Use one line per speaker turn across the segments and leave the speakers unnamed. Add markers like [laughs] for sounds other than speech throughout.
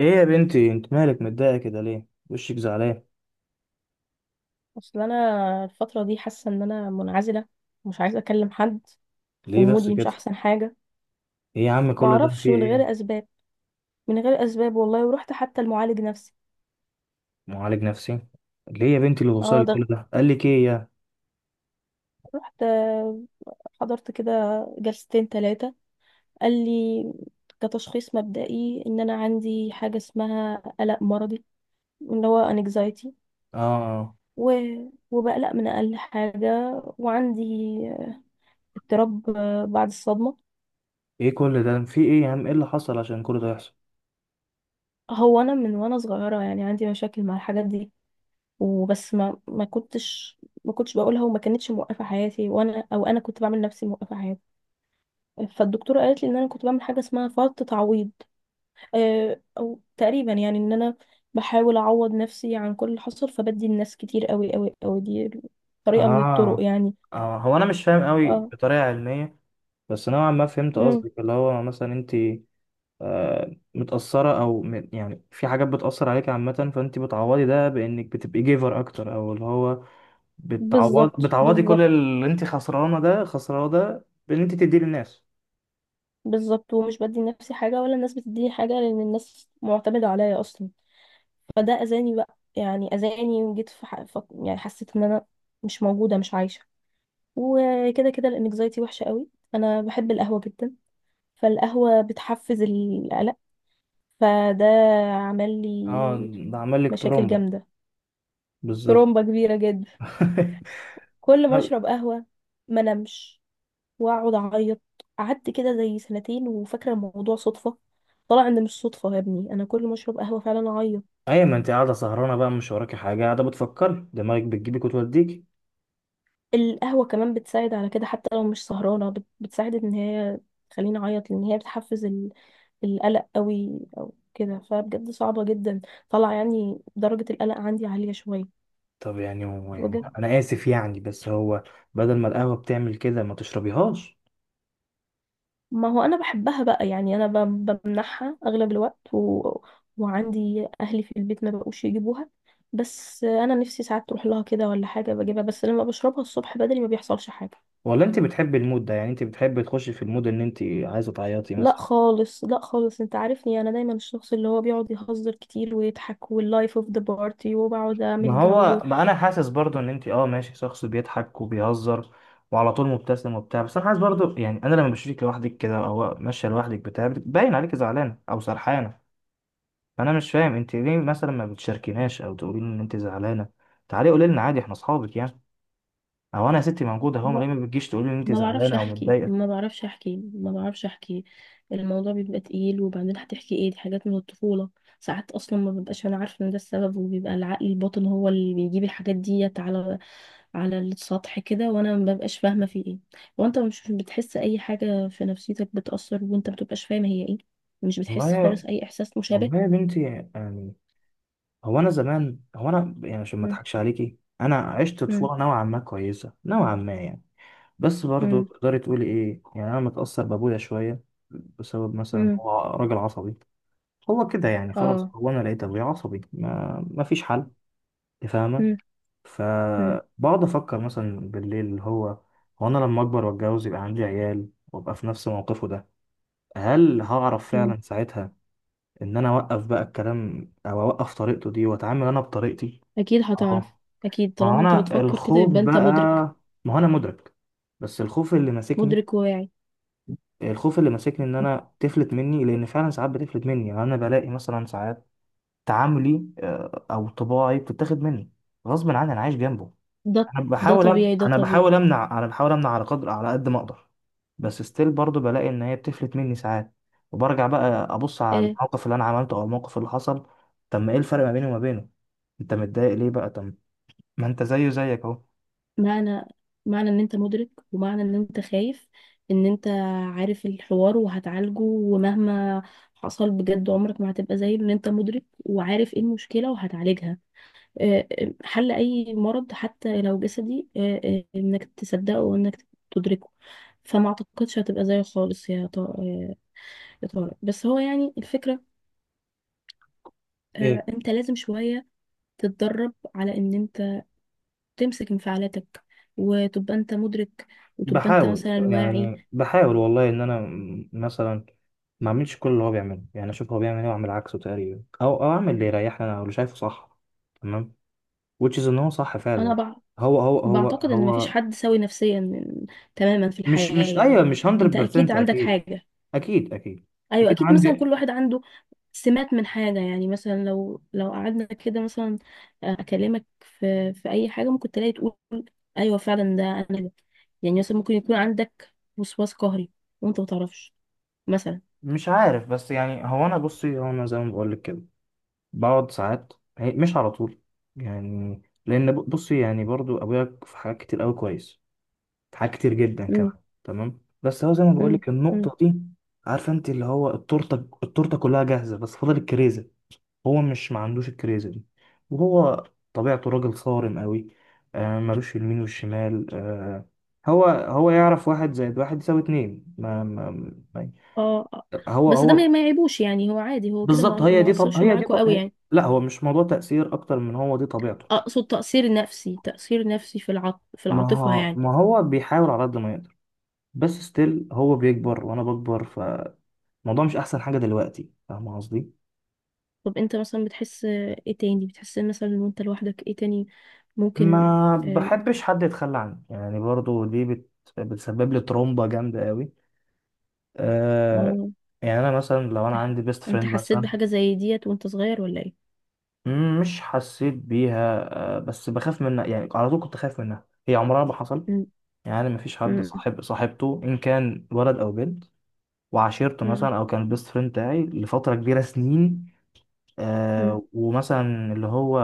ايه يا بنتي، انت مالك متضايقه كده ليه؟ وشك زعلان
اصل انا الفتره دي حاسه ان انا منعزله. مش عايزه اكلم حد.
ليه بس
ومودي مش
كده؟
احسن حاجه.
ايه يا عم،
ما
كل ده
اعرفش
فيه
من
ايه؟
غير اسباب، من غير اسباب والله. ورحت حتى المعالج نفسي.
معالج نفسي؟ ليه يا بنتي اللي
اه
وصل
ده
كل ده؟ قال لك ايه يا
رحت، حضرت كده جلستين ثلاثه. قال لي كتشخيص مبدئي ان انا عندي حاجه اسمها قلق مرضي، اللي هو انكزايتي.
اه آه.
و... وبقلق من اقل حاجه، وعندي اضطراب بعد الصدمه.
ايه كل ده، في ايه يا عم؟ ايه اللي حصل عشان كل ده يحصل؟
هو انا من وانا صغيره يعني عندي مشاكل مع الحاجات دي. وبس ما كنتش بقولها، وما كانتش موقفة حياتي، وانا او انا كنت بعمل نفسي موقفة حياتي. فالدكتورة قالت لي ان انا كنت بعمل حاجة اسمها فرط تعويض، او تقريبا يعني ان انا بحاول اعوض نفسي عن كل اللي حصل، فبدي الناس كتير قوي قوي قوي. دي طريقة من الطرق
اه
يعني.
اه، هو انا مش فاهم قوي
اه
بطريقه علميه، بس نوعا ما فهمت
امم
قصدك، اللي هو مثلا انت متأثرة او يعني في حاجات بتأثر عليك عامة، فانت بتعوضي ده بانك بتبقي جيفر اكتر، او اللي هو
بالظبط،
بتعوضي كل
بالظبط،
اللي انت خسرانه ده، خسرانه ده بان انت تديه للناس.
بالظبط. ومش بدي لنفسي حاجة، ولا الناس بتديني حاجة، لأن الناس معتمدة عليا أصلا. فده أذاني بقى، يعني أذاني. وجيت يعني حسيت إن أنا مش موجودة، مش عايشة. وكده كده الانكزايتي وحشة قوي. انا بحب القهوة جدا، فالقهوة بتحفز القلق، فده عمل لي
اه ده عمل لك
مشاكل
ترومبا؟
جامدة.
بالظبط.
ترومبة كبيرة جدا.
[laughs]
كل ما اشرب قهوة ما نمش، واقعد اعيط. قعدت كده زي سنتين وفاكرة الموضوع صدفة، طلع ان مش صدفة يا ابني. انا كل ما اشرب قهوة فعلا اعيط.
ايوه، ما انت قاعده سهرانه بقى، مش وراكي حاجه، قاعده بتفكري، دماغك بتجيبك وتوديكي.
القهوة كمان بتساعد على كده، حتى لو مش سهرانة، بتساعد ان هي تخليني اعيط، لان هي بتحفز القلق قوي او كده، فبجد صعبة جدا. طلع يعني درجة القلق عندي عالية شوية.
طب يعني هو، يعني
بجد.
انا اسف يعني، بس هو بدل ما القهوه بتعمل كده ما تشربيهاش؟
ما هو انا بحبها بقى، يعني انا بمنحها اغلب الوقت وعندي اهلي في البيت ما بقوش يجيبوها. بس انا نفسي ساعات تروح لها كده ولا حاجة بجيبها، بس لما بشربها الصبح بدري ما بيحصلش حاجة.
ولا انت بتحبي المود ده؟ يعني انت بتحبي تخشي في المود ان انت عايزه تعيطي
لا
مثلا؟
خالص، لا خالص، انت عارفني انا دايما الشخص اللي هو بيقعد يهزر كتير ويضحك، واللايف اوف ذا بارتي، وبقعد اعمل
ما
جو.
هو، ما انا حاسس برضو ان انت اه ماشي شخص بيضحك وبيهزر وعلى طول مبتسم وبتاع، بس انا حاسس برضو، يعني انا لما بشوفك لوحدك كده او ماشيه لوحدك بتاع، باين عليك زعلانه او سرحانه. فانا مش فاهم انت ليه مثلا ما بتشاركيناش، او تقولي لي ان انت زعلانه. تعالي قولي لنا عادي، احنا اصحابك يعني. او انا يا ستي موجوده اهو،
ما
ليه ما بتجيش تقولي لي ان انت
ما بعرفش
زعلانه او
احكي، ما
متضايقه؟
بعرفش احكي، ما بعرفش احكي. الموضوع بيبقى تقيل، وبعدين هتحكي ايه؟ دي حاجات من الطفولة. ساعات اصلا ما ببقاش انا عارفة ان ده السبب، وبيبقى العقل الباطن هو اللي بيجيب الحاجات ديت على السطح كده، وانا ما ببقاش فاهمة في ايه. وانت مش بتحس اي حاجة في نفسيتك بتأثر، وانت ما بتبقاش فاهمة هي ايه. مش بتحس
والله،
خالص اي احساس مشابه.
والله يا بنتي، يعني هو انا زمان، هو انا يعني عشان ما اضحكش عليكي، انا عشت
مم.
طفوله نوعا ما كويسه نوعا ما يعني، بس برضه
امم،
تقدري تقولي ايه، يعني انا متأثر بابويا شوية، بسبب مثلا
امم.
هو راجل عصبي. هو كده يعني، خلاص
اه.
هو انا لقيت ابويا عصبي، ما فيش حل. أنت فاهمة؟
امم، امم.
فبقعد افكر مثلا بالليل، اللي هو هو انا لما اكبر واتجوز يبقى عندي عيال وابقى في نفس موقفه ده، هل هعرف
أمم.
فعلا ساعتها ان انا اوقف بقى الكلام او اوقف طريقته دي واتعامل انا بطريقتي؟
اكيد هتعرف.
اه.
اكيد
ما هو
طالما انت
انا
بتفكر كده
الخوف
يبقى انت
بقى،
مدرك.
ما هو انا مدرك، بس الخوف اللي ماسكني،
مدرك وواعي.
الخوف اللي ماسكني ان انا تفلت مني، لان فعلا ساعات بتفلت مني، يعني انا بلاقي مثلا ساعات تعاملي او طباعي بتتاخد مني غصب عني، انا عايش جنبه.
ده ده طبيعي، ده
انا بحاول
طبيعي.
امنع، انا بحاول امنع على قدر، على قد ما اقدر. بس ستيل برضه بلاقي ان هي بتفلت مني ساعات، وبرجع بقى ابص على
آه.
الموقف اللي انا عملته او الموقف اللي حصل. طب ما ايه الفرق ما بيني وما بينه؟ انت متضايق ليه بقى طب؟ ما انت زيه زيك اهو.
معنى معنى ان انت مدرك، ومعنى ان انت خايف، ان انت عارف الحوار وهتعالجه. ومهما حصل بجد، عمرك ما هتبقى زي ان انت مدرك وعارف ايه المشكلة وهتعالجها. حل أي مرض حتى لو جسدي إنك تصدقه وإنك تدركه. فما أعتقدش هتبقى زيه خالص، يا يا طارق. بس هو يعني الفكرة،
ايه؟
أنت لازم شوية تتدرب على إن أنت تمسك انفعالاتك، وتبقى أنت مدرك، وتبقى أنت
بحاول
مثلا واعي.
يعني، بحاول والله ان انا مثلا ما اعملش كل اللي هو بيعمله، يعني اشوف هو بيعمل ايه واعمل عكسه تقريبا، او اعمل اللي يريحني انا واللي شايفه صح. تمام. which is ان هو صح
أنا
فعلا. هو هو هو
بعتقد إن مفيش
هو
حد سوي نفسيا تماما في
مش
الحياة
مش ايوه،
يعني.
مش
أنت أكيد
100%
عندك
اكيد.
حاجة.
اكيد، اكيد،
أيوة
اكيد
أكيد، مثلا كل
عندي.
واحد عنده سمات من حاجة. يعني مثلا لو قعدنا كده مثلا، أكلمك في أي حاجة، ممكن تلاقي تقول أيوة فعلا ده أنا ده. يعني مثلا ممكن يكون عندك وسواس قهري وأنت متعرفش مثلا.
مش عارف، بس يعني هو انا بصي، هو انا زي ما بقول لك كده، بقعد ساعات، مش على طول، يعني لان بصي، يعني برضو ابويا في حاجات كتير قوي كويس، حاجات كتير جدا
مم.
كمان تمام، بس هو زي ما بقول
مم.
لك
مم.
النقطة دي، عارفة انت اللي هو التورتة، التورتة كلها جاهزة بس فاضل الكريزة، هو مش ما عندوش الكريزة دي. وهو طبيعته راجل صارم قوي آه، ملوش في اليمين والشمال آه، هو يعرف واحد زائد واحد يساوي اتنين ما-
اه. آه.
هو
بس ده ما
هو
ما يعيبوش، يعني هو عادي، هو كده ما
بالظبط. هي
ما
دي طب،
أثرش
هي دي
معاكوا قوي
طب،
يعني.
لا هو مش موضوع تأثير أكتر من هو دي طبيعته.
أقصد تأثير نفسي، تأثير نفسي في
ما
العاطفة
هو
يعني.
ما هو بيحاول على قد ما يقدر، بس ستيل هو بيكبر وأنا بكبر، الموضوع مش احسن حاجه دلوقتي، فاهم قصدي؟
طب أنت مثلا بتحس إيه تاني؟ بتحس مثلا وأنت لوحدك إيه تاني؟ ممكن.
ما بحبش حد يتخلى عني، يعني برضو بتسبب لي ترومبه جامده قوي آه،
آه
يعني انا مثلا لو انا عندي بيست
انت
فريند
حسيت
مثلا،
بحاجة زي ديت وانت صغير ولا ايه؟
مش حسيت بيها آه، بس بخاف منها يعني، على طول كنت خايف منها، هي عمرها ما حصل،
مم.
يعني مفيش حد
مم.
صاحب صاحبته ان كان ولد او بنت وعشيرته
مم.
مثلا، او كان البيست فريند بتاعي لفتره كبيره سنين
مم.
ومثلا اللي هو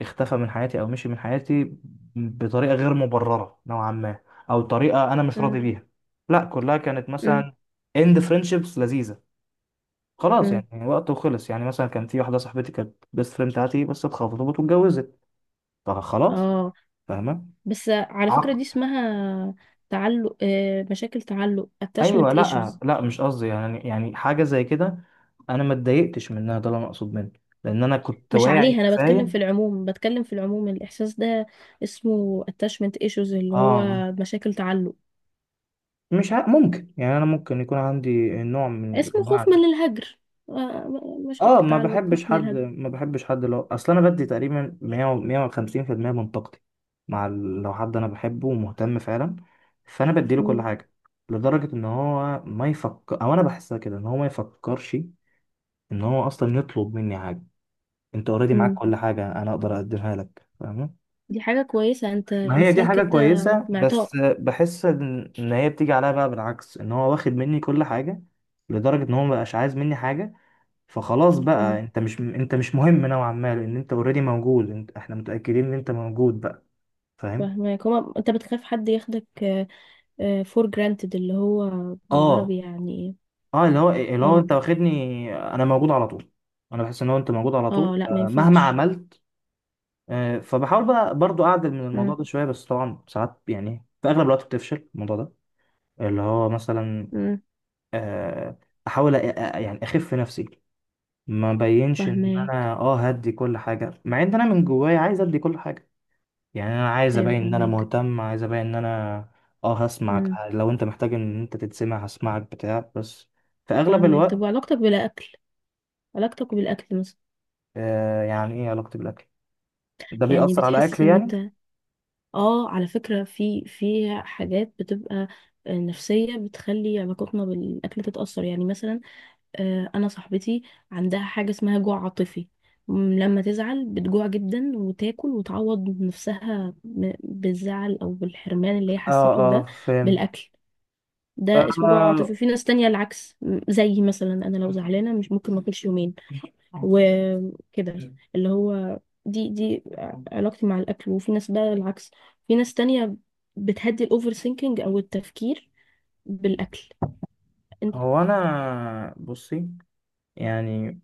اختفى من حياتي او مشي من حياتي بطريقه غير مبرره نوعا ما، او طريقه انا مش
مم.
راضي بيها. لا، كلها كانت
مم.
مثلا اند فريندشيبس لذيذه، خلاص
مم.
يعني وقت وخلص، يعني مثلا كان في واحده صاحبتي كانت بيست فريند بتاعتي بس اتخطبت واتجوزت، فخلاص.
اه،
فاهمه؟
بس على فكرة دي
عق
اسمها تعلق، مشاكل تعلق،
ايوه،
attachment
لا
issues.
لا، مش قصدي يعني، يعني حاجه زي كده، انا ما اتضايقتش منها، ده اللي انا اقصد منه، لان انا كنت
مش
واعي
عليها انا بتكلم، في
كفايه.
العموم بتكلم، في العموم الاحساس ده اسمه attachment issues، اللي هو
اه،
مشاكل تعلق.
مش ع... ممكن يعني انا ممكن يكون عندي نوع من
اسمه
الانواع
خوف
ده.
من الهجر،
اه،
مشاكل
ما
تعلق، خوف
بحبش
من
حد
الهجر.
ما بحبش حد لو، اصل انا بدي تقريبا 100 و- 150% من طاقتي مع ال... لو حد انا بحبه ومهتم فعلا، فانا بديله كل
مم.
حاجه، لدرجه ان هو ما يفكر، او انا بحسها كده ان هو ما يفكرش ان هو اصلا يطلب مني حاجه. انت اوريدي معاك
مم.
كل حاجه انا اقدر اقدمها لك، فاهم؟
دي حاجة كويسة، انت
ما هي دي
انسان
حاجة
كده،
كويسة، بس
معطاء.
بحس إن هي بتيجي عليها بقى بالعكس، إن هو واخد مني كل حاجة لدرجة إن هو مبقاش عايز مني حاجة، فخلاص بقى أنت مش مهم نوعا ما، لأن أنت أوريدي موجود، أنت، إحنا متأكدين إن أنت موجود بقى، فاهم؟
فاهمك. هو انت بتخاف حد ياخدك فور جرانتد، اللي هو بالعربي
آه
يعني ايه.
آه، اللي هو إيه؟ اللي هو
اه،
أنت واخدني أنا موجود على طول، أنا بحس إن هو أنت موجود على طول
اه، لا ما
مهما
ينفعش.
عملت. فبحاول بقى برضو أعدل من
مم،
الموضوع ده شوية، بس طبعا ساعات يعني في أغلب الوقت بتفشل الموضوع ده، اللي هو مثلا،
مم،
آه، احاول يعني اخف نفسي، ما بينش ان
فاهماك.
انا اه هدي كل حاجه، مع ان انا من جوايا عايز ادي كل حاجه، يعني انا عايز
ايوه
ابين ان انا
فاهماك.
مهتم، عايز ابين ان انا اه هسمعك
مم،
لو انت محتاج ان انت تتسمع، هسمعك بتاع، بس في اغلب
فاهماك. طب
الوقت
وعلاقتك بالاكل؟ علاقتك بالاكل مثلا،
آه. يعني ايه علاقتي بالاكل؟ ده
يعني
بيأثر على
بتحس
اكلي
ان انت،
يعني؟
اه على فكرة في حاجات بتبقى نفسية بتخلي علاقتنا بالاكل تتأثر. يعني مثلا انا صاحبتي عندها حاجه اسمها جوع عاطفي، لما تزعل بتجوع جدا وتاكل وتعوض نفسها بالزعل او بالحرمان اللي هي
اه
حسيته
اه،
ده،
فهمت.
بالاكل. ده اسمه جوع
آه،
عاطفي. في ناس تانية العكس، زي مثلا انا لو زعلانه مش ممكن ما اكلش يومين وكده، اللي هو دي علاقتي مع الاكل. وفي ناس بقى العكس، في ناس تانية بتهدي الاوفر ثينكينج، او التفكير، بالاكل. انت.
هو انا بصي يعني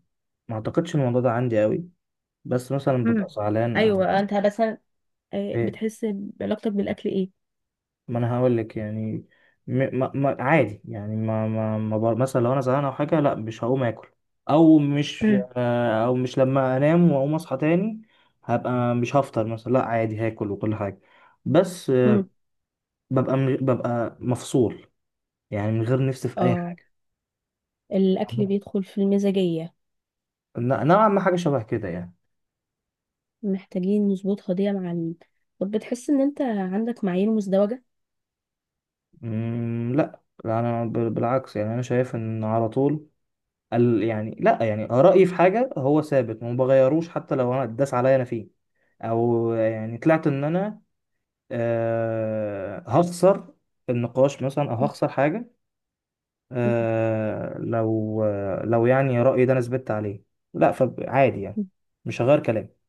ما اعتقدش الموضوع ده عندي قوي، بس مثلا ببقى
مم.
زعلان او
ايوه انت، بس
إيه،
بتحس بعلاقتك بالاكل ايه؟
ما انا هقول لك يعني، م... ما... ما... عادي يعني، ما ما, ما بر... مثلا لو انا زهقان او حاجه لا مش هقوم اكل، او مش
مم.
او مش، لما انام واقوم اصحى تاني هبقى مش هفطر مثلا، لا عادي هاكل وكل حاجه، بس
مم.
ببقى ببقى مفصول يعني، من غير نفسي في اي
اه.
حاجه.
الاكل بيدخل في المزاجيه،
نوعا ما حاجه شبه كده يعني.
محتاجين نظبطها دي مع طب بتحس ان انت عندك معايير مزدوجه؟
لا لا، انا بالعكس يعني، انا شايف ان على طول يعني لا، يعني رايي في حاجه هو ثابت وما بغيروش حتى لو انا اتداس عليا انا فيه، او يعني طلعت ان انا هخسر النقاش مثلا او
مم.
هخسر حاجه، لو يعني رايي ده انا ثبت عليه، لا فعادي يعني
مم.
مش هغير كلامي.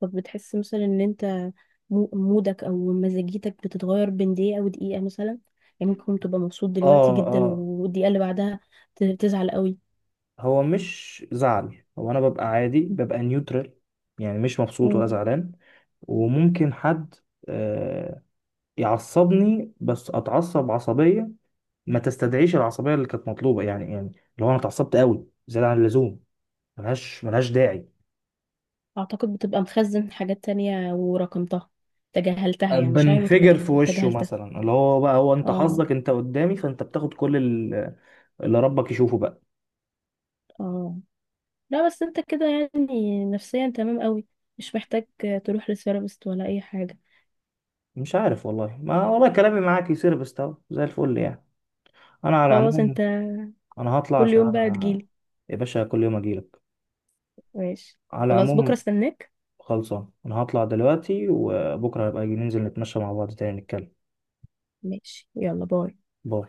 طب بتحس مثلا ان انت، مودك او مزاجيتك بتتغير بين دقيقه ودقيقه مثلا؟ يعني ممكن تبقى مبسوط
اه
دلوقتي جدا،
اه
والدقيقه اللي بعدها تزعل قوي.
هو مش زعل، هو انا ببقى عادي،
مم.
ببقى نيوترال يعني، مش مبسوط
مم.
ولا زعلان. وممكن حد آه، يعصبني بس اتعصب عصبيه ما تستدعيش العصبيه اللي كانت مطلوبه، يعني يعني اللي هو انا اتعصبت قوي زياده عن اللزوم، ملهاش داعي.
اعتقد بتبقى مخزن حاجات تانية ورقمتها، تجاهلتها، يعني مشاعر،
بنفجر في وشه
وتجاهلتها.
مثلا، اللي هو بقى هو انت
اه،
حظك انت قدامي، فانت بتاخد كل اللي ربك يشوفه بقى.
اه، لا بس انت كده يعني نفسيا تمام قوي، مش محتاج تروح لثيرابيست ولا اي حاجة.
مش عارف والله، ما والله كلامي معاك يصير بستو زي الفل يعني. انا على
خلاص انت،
العموم، انا هطلع
كل
عشان
يوم بقى
أنا،
تجيلي.
يا باشا كل يوم اجيلك.
ماشي.
على
خلاص، بكرة
العموم،
استناك.
خلصان، انا هطلع دلوقتي وبكره هبقى أجي، ننزل نتمشى مع بعض تاني نتكلم.
ماشي، يلا، باي.
باي.